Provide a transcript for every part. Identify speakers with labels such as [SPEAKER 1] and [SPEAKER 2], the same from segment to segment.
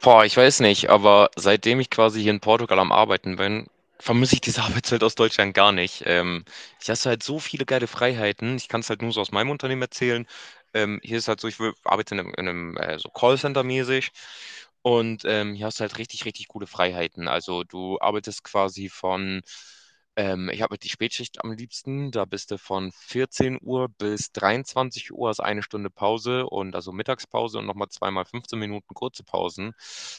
[SPEAKER 1] Boah, ich weiß nicht, aber seitdem ich quasi hier in Portugal am Arbeiten bin, vermisse ich diese Arbeitszeit aus Deutschland gar nicht. Ich hast halt so viele geile Freiheiten. Ich kann es halt nur so aus meinem Unternehmen erzählen. Hier ist halt so, arbeite in einem, in einem so Callcenter-mäßig. Und hier hast du halt richtig, richtig coole Freiheiten. Also du arbeitest quasi von ich habe die Spätschicht am liebsten. Da bist du von 14 Uhr bis 23 Uhr, hast eine Stunde Pause und also Mittagspause und nochmal zweimal 15 Minuten kurze Pausen.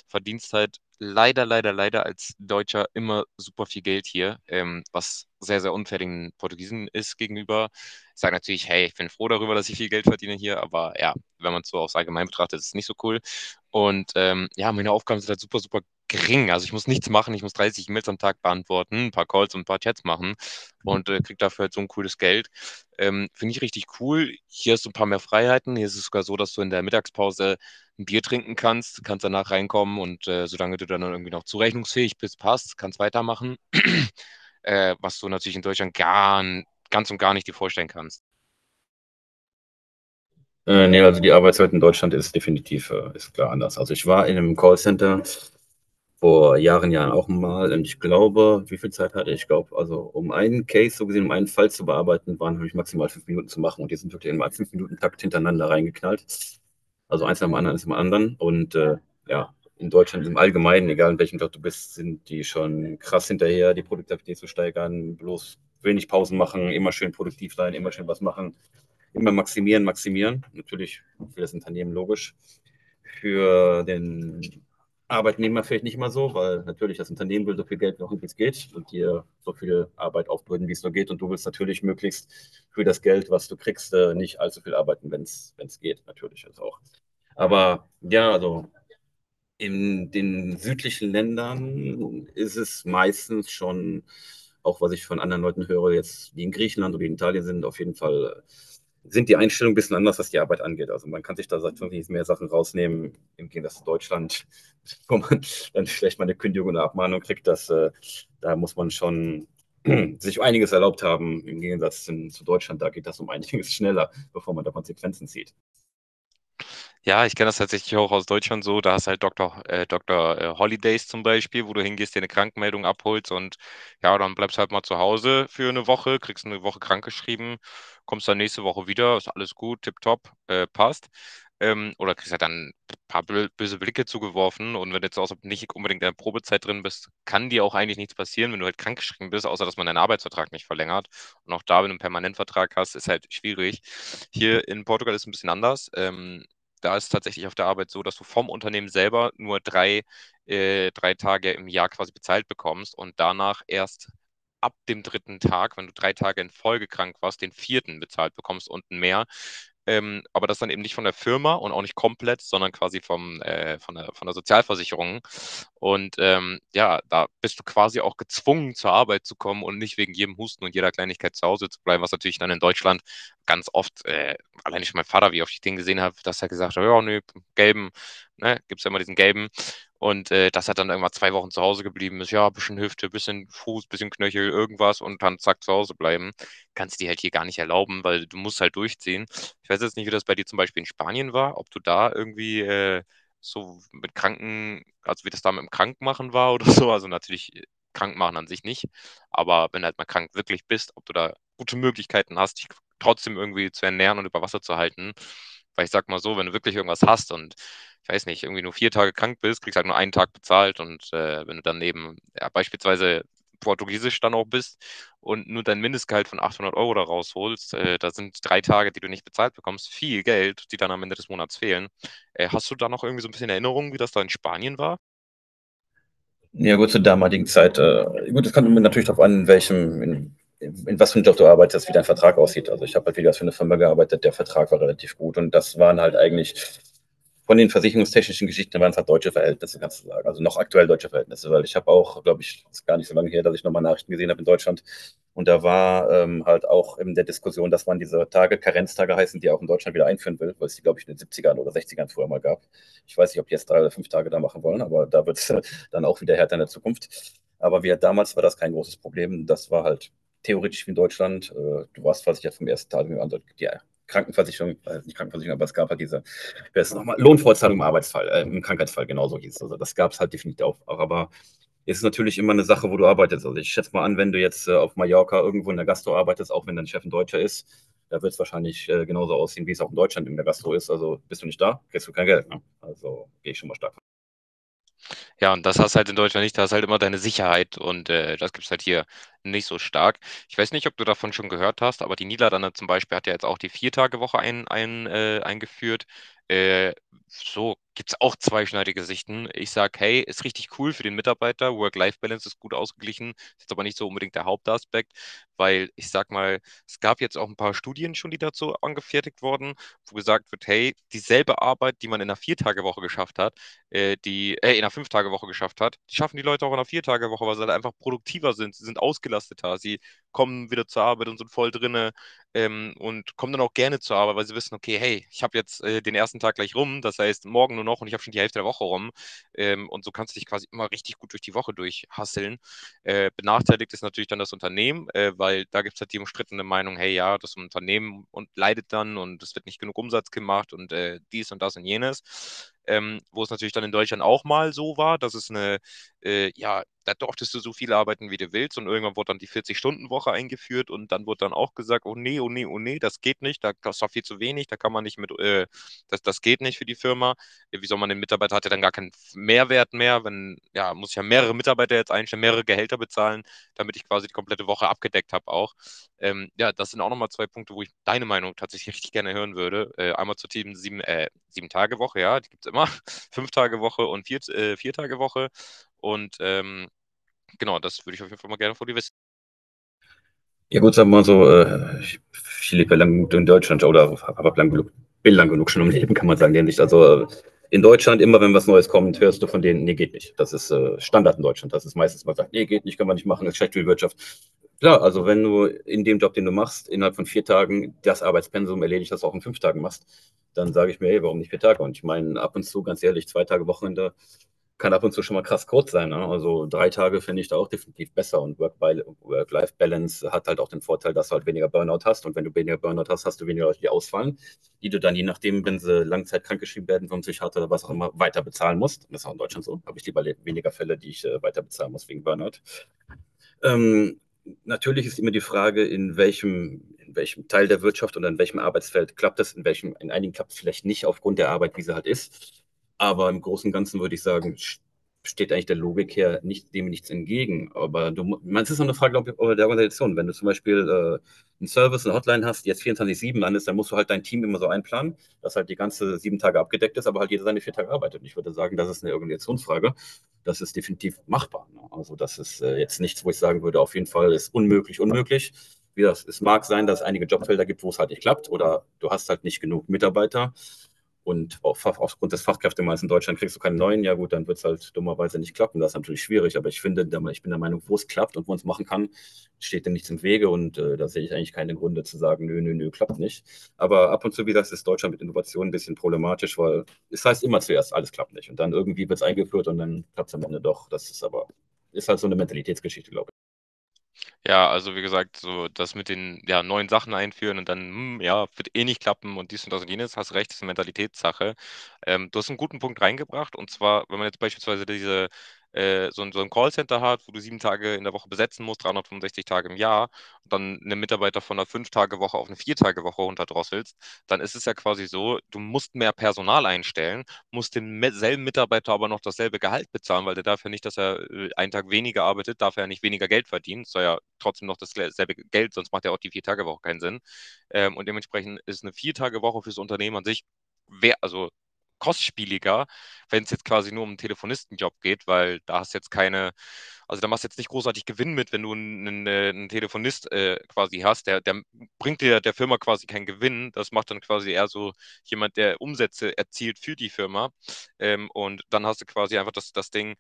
[SPEAKER 1] Verdienst halt leider, leider, leider als Deutscher immer super viel Geld hier, was sehr, sehr unfair den Portugiesen ist gegenüber. Ich sage natürlich, hey, ich bin froh darüber, dass ich viel Geld verdiene hier, aber ja, wenn man es so aufs Allgemein betrachtet, ist es nicht so cool. Und ja, meine Aufgaben sind halt super, super gering. Also ich muss nichts machen, ich muss 30 E-Mails am Tag beantworten, ein paar Calls und ein paar Chats machen und kriege dafür halt so ein cooles Geld. Finde ich richtig cool. Hier hast du ein paar mehr Freiheiten. Hier ist es sogar so, dass du in der Mittagspause ein Bier trinken kannst, kannst danach reinkommen und solange du dann irgendwie noch zurechnungsfähig bist, passt, kannst weitermachen. Was du natürlich in Deutschland gar, ganz und gar nicht dir vorstellen kannst.
[SPEAKER 2] Nee, also die Arbeitswelt in Deutschland ist definitiv, ist klar anders. Also ich war in einem Callcenter vor Jahren auch mal und ich glaube, wie viel Zeit hatte ich? Ich glaube, also um einen Case, so gesehen, um einen Fall zu bearbeiten, waren habe ich maximal fünf Minuten zu machen, und die sind wirklich in einem fünf Minuten Takt hintereinander reingeknallt. Also eins nach dem anderen und ja, in Deutschland im Allgemeinen, egal in welchem Job du bist, sind die schon krass hinterher, die Produktivität zu steigern, bloß wenig Pausen machen, immer schön produktiv sein, immer schön was machen, immer maximieren, maximieren. Natürlich für das Unternehmen logisch. Für den Arbeitnehmer vielleicht nicht mal so, weil natürlich das Unternehmen will so viel Geld noch wie es geht und dir so viel Arbeit aufbürden, wie es nur geht. Und du willst natürlich möglichst für das Geld, was du kriegst, nicht allzu viel arbeiten, wenn es geht, natürlich. Also auch. Aber ja, also in den südlichen Ländern ist es meistens schon, auch was ich von anderen Leuten höre, jetzt die in Griechenland oder in Italien sind, auf jeden Fall sind die Einstellungen ein bisschen anders, was die Arbeit angeht. Also man kann sich da seit wirklich mehr Sachen rausnehmen, im Gegensatz zu Deutschland, wo man dann vielleicht mal eine Kündigung oder Abmahnung kriegt, dass da muss man schon sich einiges erlaubt haben, im Gegensatz zu Deutschland, da geht das um einiges schneller, bevor man da Konsequenzen zieht.
[SPEAKER 1] Ja, ich kenne das tatsächlich auch aus Deutschland so. Da hast halt Doktor Holidays zum Beispiel, wo du hingehst, dir eine Krankmeldung abholst und ja, dann bleibst halt mal zu Hause für eine Woche, kriegst eine Woche krankgeschrieben, kommst dann nächste Woche wieder, ist alles gut, tipptopp, passt. Oder kriegst halt dann ein paar böse Blicke zugeworfen und wenn du jetzt auch so nicht unbedingt in der Probezeit drin bist, kann dir auch eigentlich nichts passieren, wenn du halt krankgeschrieben bist, außer dass man deinen Arbeitsvertrag nicht verlängert. Und auch da, wenn du einen Permanentvertrag hast, ist halt schwierig. Hier in Portugal ist es ein bisschen anders. Da ist es tatsächlich auf der Arbeit so, dass du vom Unternehmen selber nur drei Tage im Jahr quasi bezahlt bekommst und danach erst ab dem dritten Tag, wenn du 3 Tage in Folge krank warst, den vierten bezahlt bekommst und mehr. Aber das dann eben nicht von der Firma und auch nicht komplett, sondern quasi von der Sozialversicherung. Und ja, da bist du quasi auch gezwungen, zur Arbeit zu kommen und nicht wegen jedem Husten und jeder Kleinigkeit zu Hause zu bleiben, was natürlich dann in Deutschland ganz oft alleine schon mein Vater, wie oft ich den gesehen habe, dass er gesagt hat, ja, nö, gelben, ne, gibt es ja immer diesen gelben. Und dass er dann irgendwann 2 Wochen zu Hause geblieben ist, ja, bisschen Hüfte, bisschen Fuß, bisschen Knöchel, irgendwas und dann zack zu Hause bleiben. Kannst du dir halt hier gar nicht erlauben, weil du musst halt durchziehen. Ich weiß jetzt nicht, wie das bei dir zum Beispiel in Spanien war, ob du da irgendwie so mit Kranken, also wie das da mit dem Krankmachen war oder so. Also natürlich krank machen an sich nicht, aber wenn du halt mal krank wirklich bist, ob du da gute Möglichkeiten hast, dich trotzdem irgendwie zu ernähren und über Wasser zu halten. Weil ich sag mal so, wenn du wirklich irgendwas hast und ich weiß nicht, irgendwie nur 4 Tage krank bist, kriegst halt nur einen Tag bezahlt und wenn du dann eben ja, beispielsweise portugiesisch dann auch bist und nur dein Mindestgehalt von 800 € da rausholst, da sind 3 Tage, die du nicht bezahlt bekommst, viel Geld, die dann am Ende des Monats fehlen. Hast du da noch irgendwie so ein bisschen Erinnerung, wie das da in Spanien war?
[SPEAKER 2] Ja, gut, zur damaligen Zeit. Gut, es kommt immer natürlich darauf an, in welchem, in was für einem Job du arbeitest, wie dein Vertrag aussieht. Also ich habe halt wieder für eine Firma gearbeitet, der Vertrag war relativ gut, und das waren halt eigentlich von den versicherungstechnischen Geschichten waren es halt deutsche Verhältnisse, kannst du sagen. Also noch aktuell deutsche Verhältnisse, weil ich habe auch, glaube ich, ist gar nicht so lange her, dass ich nochmal Nachrichten gesehen habe in Deutschland. Und da war halt auch in der Diskussion, dass man diese Tage, Karenztage heißen, die auch in Deutschland wieder einführen will, weil es die, glaube ich, in den 70ern oder 60ern früher mal gab. Ich weiß nicht, ob die jetzt drei oder fünf Tage da machen wollen, aber da wird es dann auch wieder härter in der Zukunft. Damals war das kein großes Problem. Das war halt theoretisch wie in Deutschland. Du warst versichert vom ersten Tag an. Die Krankenversicherung, nicht Krankenversicherung, aber es gab halt diese, wer ist nochmal, Lohnfortzahlung im Arbeitsfall, im Krankheitsfall, genauso hieß es. Also das gab es halt definitiv auch. Aber es ist natürlich immer eine Sache, wo du arbeitest. Also ich schätze mal an, wenn du jetzt auf Mallorca irgendwo in der Gastro arbeitest, auch wenn dein Chef ein Deutscher ist, da wird es wahrscheinlich genauso aussehen, wie es auch in Deutschland in der Gastro ist. Also bist du nicht da, kriegst du kein Geld. Ne? Also gehe ich schon mal stark.
[SPEAKER 1] Ja, und das hast halt in Deutschland nicht, da hast halt immer deine Sicherheit und das gibt's halt hier nicht so stark. Ich weiß nicht, ob du davon schon gehört hast, aber die Niederlande zum Beispiel hat ja jetzt auch die Viertagewoche eingeführt. Äh, so gibt's auch zweischneidige Sichten. Ich sag, hey, ist richtig cool für den Mitarbeiter, Work-Life-Balance ist gut ausgeglichen, ist jetzt aber nicht so unbedingt der Hauptaspekt, weil ich sag mal, es gab jetzt auch ein paar Studien schon, die dazu angefertigt wurden, wo gesagt wird, hey, dieselbe Arbeit, die man in einer Viertagewoche geschafft hat, die in einer Fünf-Tage-Woche geschafft hat. Die schaffen die Leute auch in einer Vier-Tage-Woche, weil sie halt einfach produktiver sind. Sie sind ausgelasteter. Sie kommen wieder zur Arbeit und sind voll drinne und kommen dann auch gerne zur Arbeit, weil sie wissen, okay, hey, ich habe jetzt den ersten Tag gleich rum, das heißt morgen nur noch und ich habe schon die Hälfte der Woche rum. Und so kannst du dich quasi immer richtig gut durch die Woche durchhasseln. Benachteiligt ist natürlich dann das Unternehmen, weil da gibt es halt die umstrittene Meinung, hey ja, das Unternehmen und leidet dann und es wird nicht genug Umsatz gemacht und dies und das und jenes. Wo es natürlich dann in Deutschland auch mal so war, dass ja, da durftest du so viel arbeiten, wie du willst und irgendwann wurde dann die 40-Stunden-Woche eingeführt und dann wurde dann auch gesagt, oh nee, oh nee, oh nee, das geht nicht, da, das ist doch viel zu wenig, da kann man nicht mit, das geht nicht für die Firma. Ja, wie soll man den Mitarbeiter, hat ja dann gar keinen Mehrwert mehr, wenn, ja, muss ich ja mehrere Mitarbeiter jetzt einstellen, mehrere Gehälter bezahlen, damit ich quasi die komplette Woche abgedeckt habe auch. Ja, das sind auch nochmal zwei Punkte, wo ich deine Meinung tatsächlich richtig gerne hören würde. Einmal zur Team sieben Tage Woche, ja, die gibt es immer, fünf Tage Woche und vier Tage Woche. Und genau, das würde ich auf jeden Fall mal gerne vor die
[SPEAKER 2] Ja gut, sagen wir mal so, ich lebe ja lang genug in Deutschland oder bin lang genug schon im Leben, kann man sagen, nämlich. Also in Deutschland, immer wenn was Neues kommt, hörst du von denen, nee, geht nicht. Das ist Standard in Deutschland. Das ist meistens, man sagt, nee, geht nicht, können wir nicht machen, das ist schlecht für die Wirtschaft. Klar, also wenn du in dem Job, den du machst, innerhalb von vier Tagen das Arbeitspensum erledigt, das du auch in fünf Tagen machst, dann sage ich mir, hey, warum nicht vier Tage? Und ich meine, ab und zu, ganz ehrlich, zwei Tage Wochenende kann ab und zu schon mal krass kurz sein. Ne? Also drei Tage finde ich da auch definitiv besser. Und Work-Life-Balance hat halt auch den Vorteil, dass du halt weniger Burnout hast. Und wenn du weniger Burnout hast, hast du weniger Leute, die ausfallen, die du dann je nachdem, wenn sie langzeitkrank geschrieben werden vom Psychiater oder was auch immer, weiter bezahlen musst. Das ist auch in Deutschland so. Habe ich lieber weniger Fälle, die ich weiter bezahlen muss wegen Burnout. Ähm, Natürlich ist immer die Frage, in welchem Teil der Wirtschaft oder in welchem Arbeitsfeld klappt das, in welchem, in einigen klappt es vielleicht nicht aufgrund der Arbeit, wie sie halt ist. Aber im Großen und Ganzen würde ich sagen, steht eigentlich der Logik her nicht, dem nichts entgegen. Man, es ist auch eine Frage, glaube ich, der Organisation. Wenn du zum Beispiel einen Service, eine Hotline hast, die jetzt 24-7 landest, dann musst du halt dein Team immer so einplanen, dass halt die ganze sieben Tage abgedeckt ist, aber halt jeder seine vier Tage arbeitet. Ich würde sagen, das ist eine Organisationsfrage, das ist definitiv machbar. Ne? Also das ist jetzt nichts, wo ich sagen würde, auf jeden Fall ist unmöglich, unmöglich. Wie das, es mag sein, dass es einige Jobfelder gibt, wo es halt nicht klappt oder du hast halt nicht genug Mitarbeiter und aufgrund des Fachkräftemangels in Deutschland kriegst du keinen neuen. Ja gut, dann wird es halt dummerweise nicht klappen. Das ist natürlich schwierig, aber ich bin der Meinung, wo es klappt und wo man es machen kann, steht dem nichts im Wege, und da sehe ich eigentlich keine Gründe zu sagen, nö, nö, nö, klappt nicht. Aber ab und zu, wie gesagt, ist Deutschland mit Innovation ein bisschen problematisch, weil es heißt immer zuerst, alles klappt nicht. Und dann irgendwie wird es eingeführt und dann klappt es am Ende doch. Ist halt so eine Mentalitätsgeschichte, glaube ich.
[SPEAKER 1] Ja, also wie gesagt, so das mit den ja, neuen Sachen einführen und dann, ja, wird eh nicht klappen und dies und das und jenes, hast recht, ist eine Mentalitätssache. Du hast einen guten Punkt reingebracht und zwar, wenn man jetzt beispielsweise so ein Callcenter hat, wo du 7 Tage in der Woche besetzen musst, 365 Tage im Jahr, und dann einen Mitarbeiter von einer Fünf-Tage-Woche auf eine Vier-Tage-Woche runterdrosselst, dann ist es ja quasi so, du musst mehr Personal einstellen muss demselben Mitarbeiter aber noch dasselbe Gehalt bezahlen, weil der darf ja nicht, dass er einen Tag weniger arbeitet, darf er ja nicht weniger Geld verdienen, soll ja trotzdem noch dasselbe Geld, sonst macht ja auch die Vier-Tage-Woche keinen Sinn. Und dementsprechend ist eine Vier-Tage-Woche fürs Unternehmen an sich, also kostspieliger, wenn es jetzt quasi nur um einen Telefonistenjob geht, weil da hast jetzt keine, also da machst du jetzt nicht großartig Gewinn mit, wenn du einen Telefonist quasi hast. Der bringt dir der Firma quasi keinen Gewinn. Das macht dann quasi eher so jemand, der Umsätze erzielt für die Firma. Und dann hast du quasi einfach das Ding,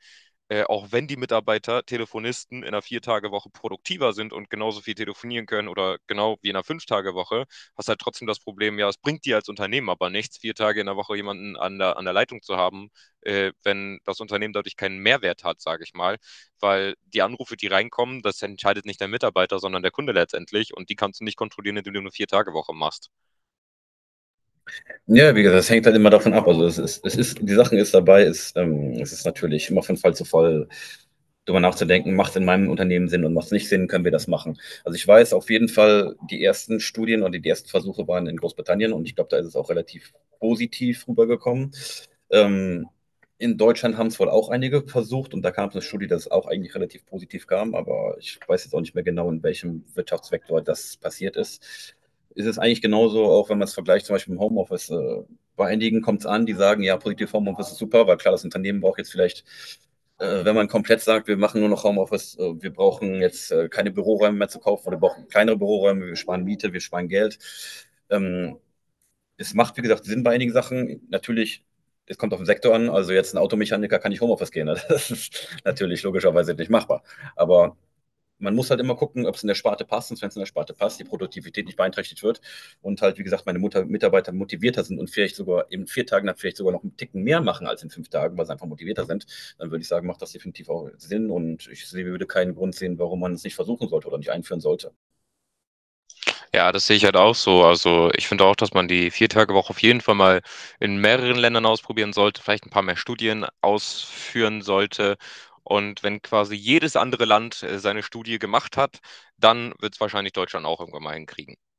[SPEAKER 1] auch wenn die Mitarbeiter, Telefonisten in einer Vier-Tage-Woche produktiver sind und genauso viel telefonieren können oder genau wie in einer Fünf-Tage-Woche, hast halt trotzdem das Problem, ja, es bringt dir als Unternehmen aber nichts, 4 Tage in der Woche jemanden an der Leitung zu haben, wenn das Unternehmen dadurch keinen Mehrwert hat, sage ich mal, weil die Anrufe, die reinkommen, das entscheidet nicht der Mitarbeiter, sondern der Kunde letztendlich und die kannst du nicht kontrollieren, indem du eine Vier-Tage-Woche machst.
[SPEAKER 2] Ja, wie gesagt, das hängt halt immer davon ab. Also die Sachen ist dabei, ist, es ist natürlich immer von Fall zu Fall darüber nachzudenken, macht es in meinem Unternehmen Sinn und macht es nicht Sinn, können wir das machen. Also ich weiß auf jeden Fall, die ersten Studien und die ersten Versuche waren in Großbritannien und ich glaube, da ist es auch relativ positiv rübergekommen. Ähm, in Deutschland haben es wohl auch einige versucht, und da kam es eine Studie, dass es auch eigentlich relativ positiv kam, aber ich weiß jetzt auch nicht mehr genau, in welchem Wirtschaftsvektor das passiert ist, ist es eigentlich genauso, auch wenn man es vergleicht, zum Beispiel im Homeoffice. Bei einigen kommt es an, die sagen, ja, positiv, Homeoffice ist super, weil klar, das Unternehmen braucht jetzt vielleicht, wenn man komplett sagt, wir machen nur noch Homeoffice, wir brauchen jetzt keine Büroräume mehr zu kaufen oder wir brauchen kleinere Büroräume, wir sparen Miete, wir sparen Geld. Ähm, Es macht, wie gesagt, Sinn bei einigen Sachen. Natürlich, es kommt auf den Sektor an. Also jetzt ein Automechaniker kann nicht Homeoffice gehen. Ne? Das ist natürlich logischerweise nicht machbar. Aber man muss halt immer gucken, ob es in der Sparte passt, und wenn es in der Sparte passt, die Produktivität nicht beeinträchtigt wird und halt, wie gesagt, meine Mutter, Mitarbeiter motivierter sind und vielleicht sogar in vier Tagen dann vielleicht sogar noch einen Ticken mehr machen als in fünf Tagen, weil sie einfach motivierter sind, dann würde ich sagen, macht das definitiv auch Sinn und ich würde keinen Grund sehen, warum man es nicht versuchen sollte oder nicht einführen sollte.
[SPEAKER 1] Ja, das sehe ich halt auch so. Also ich finde auch, dass man die Viertagewoche auf jeden Fall mal in mehreren Ländern ausprobieren sollte, vielleicht ein paar mehr Studien ausführen sollte. Und wenn quasi jedes andere Land seine Studie gemacht hat, dann wird es wahrscheinlich Deutschland auch irgendwann mal hinkriegen.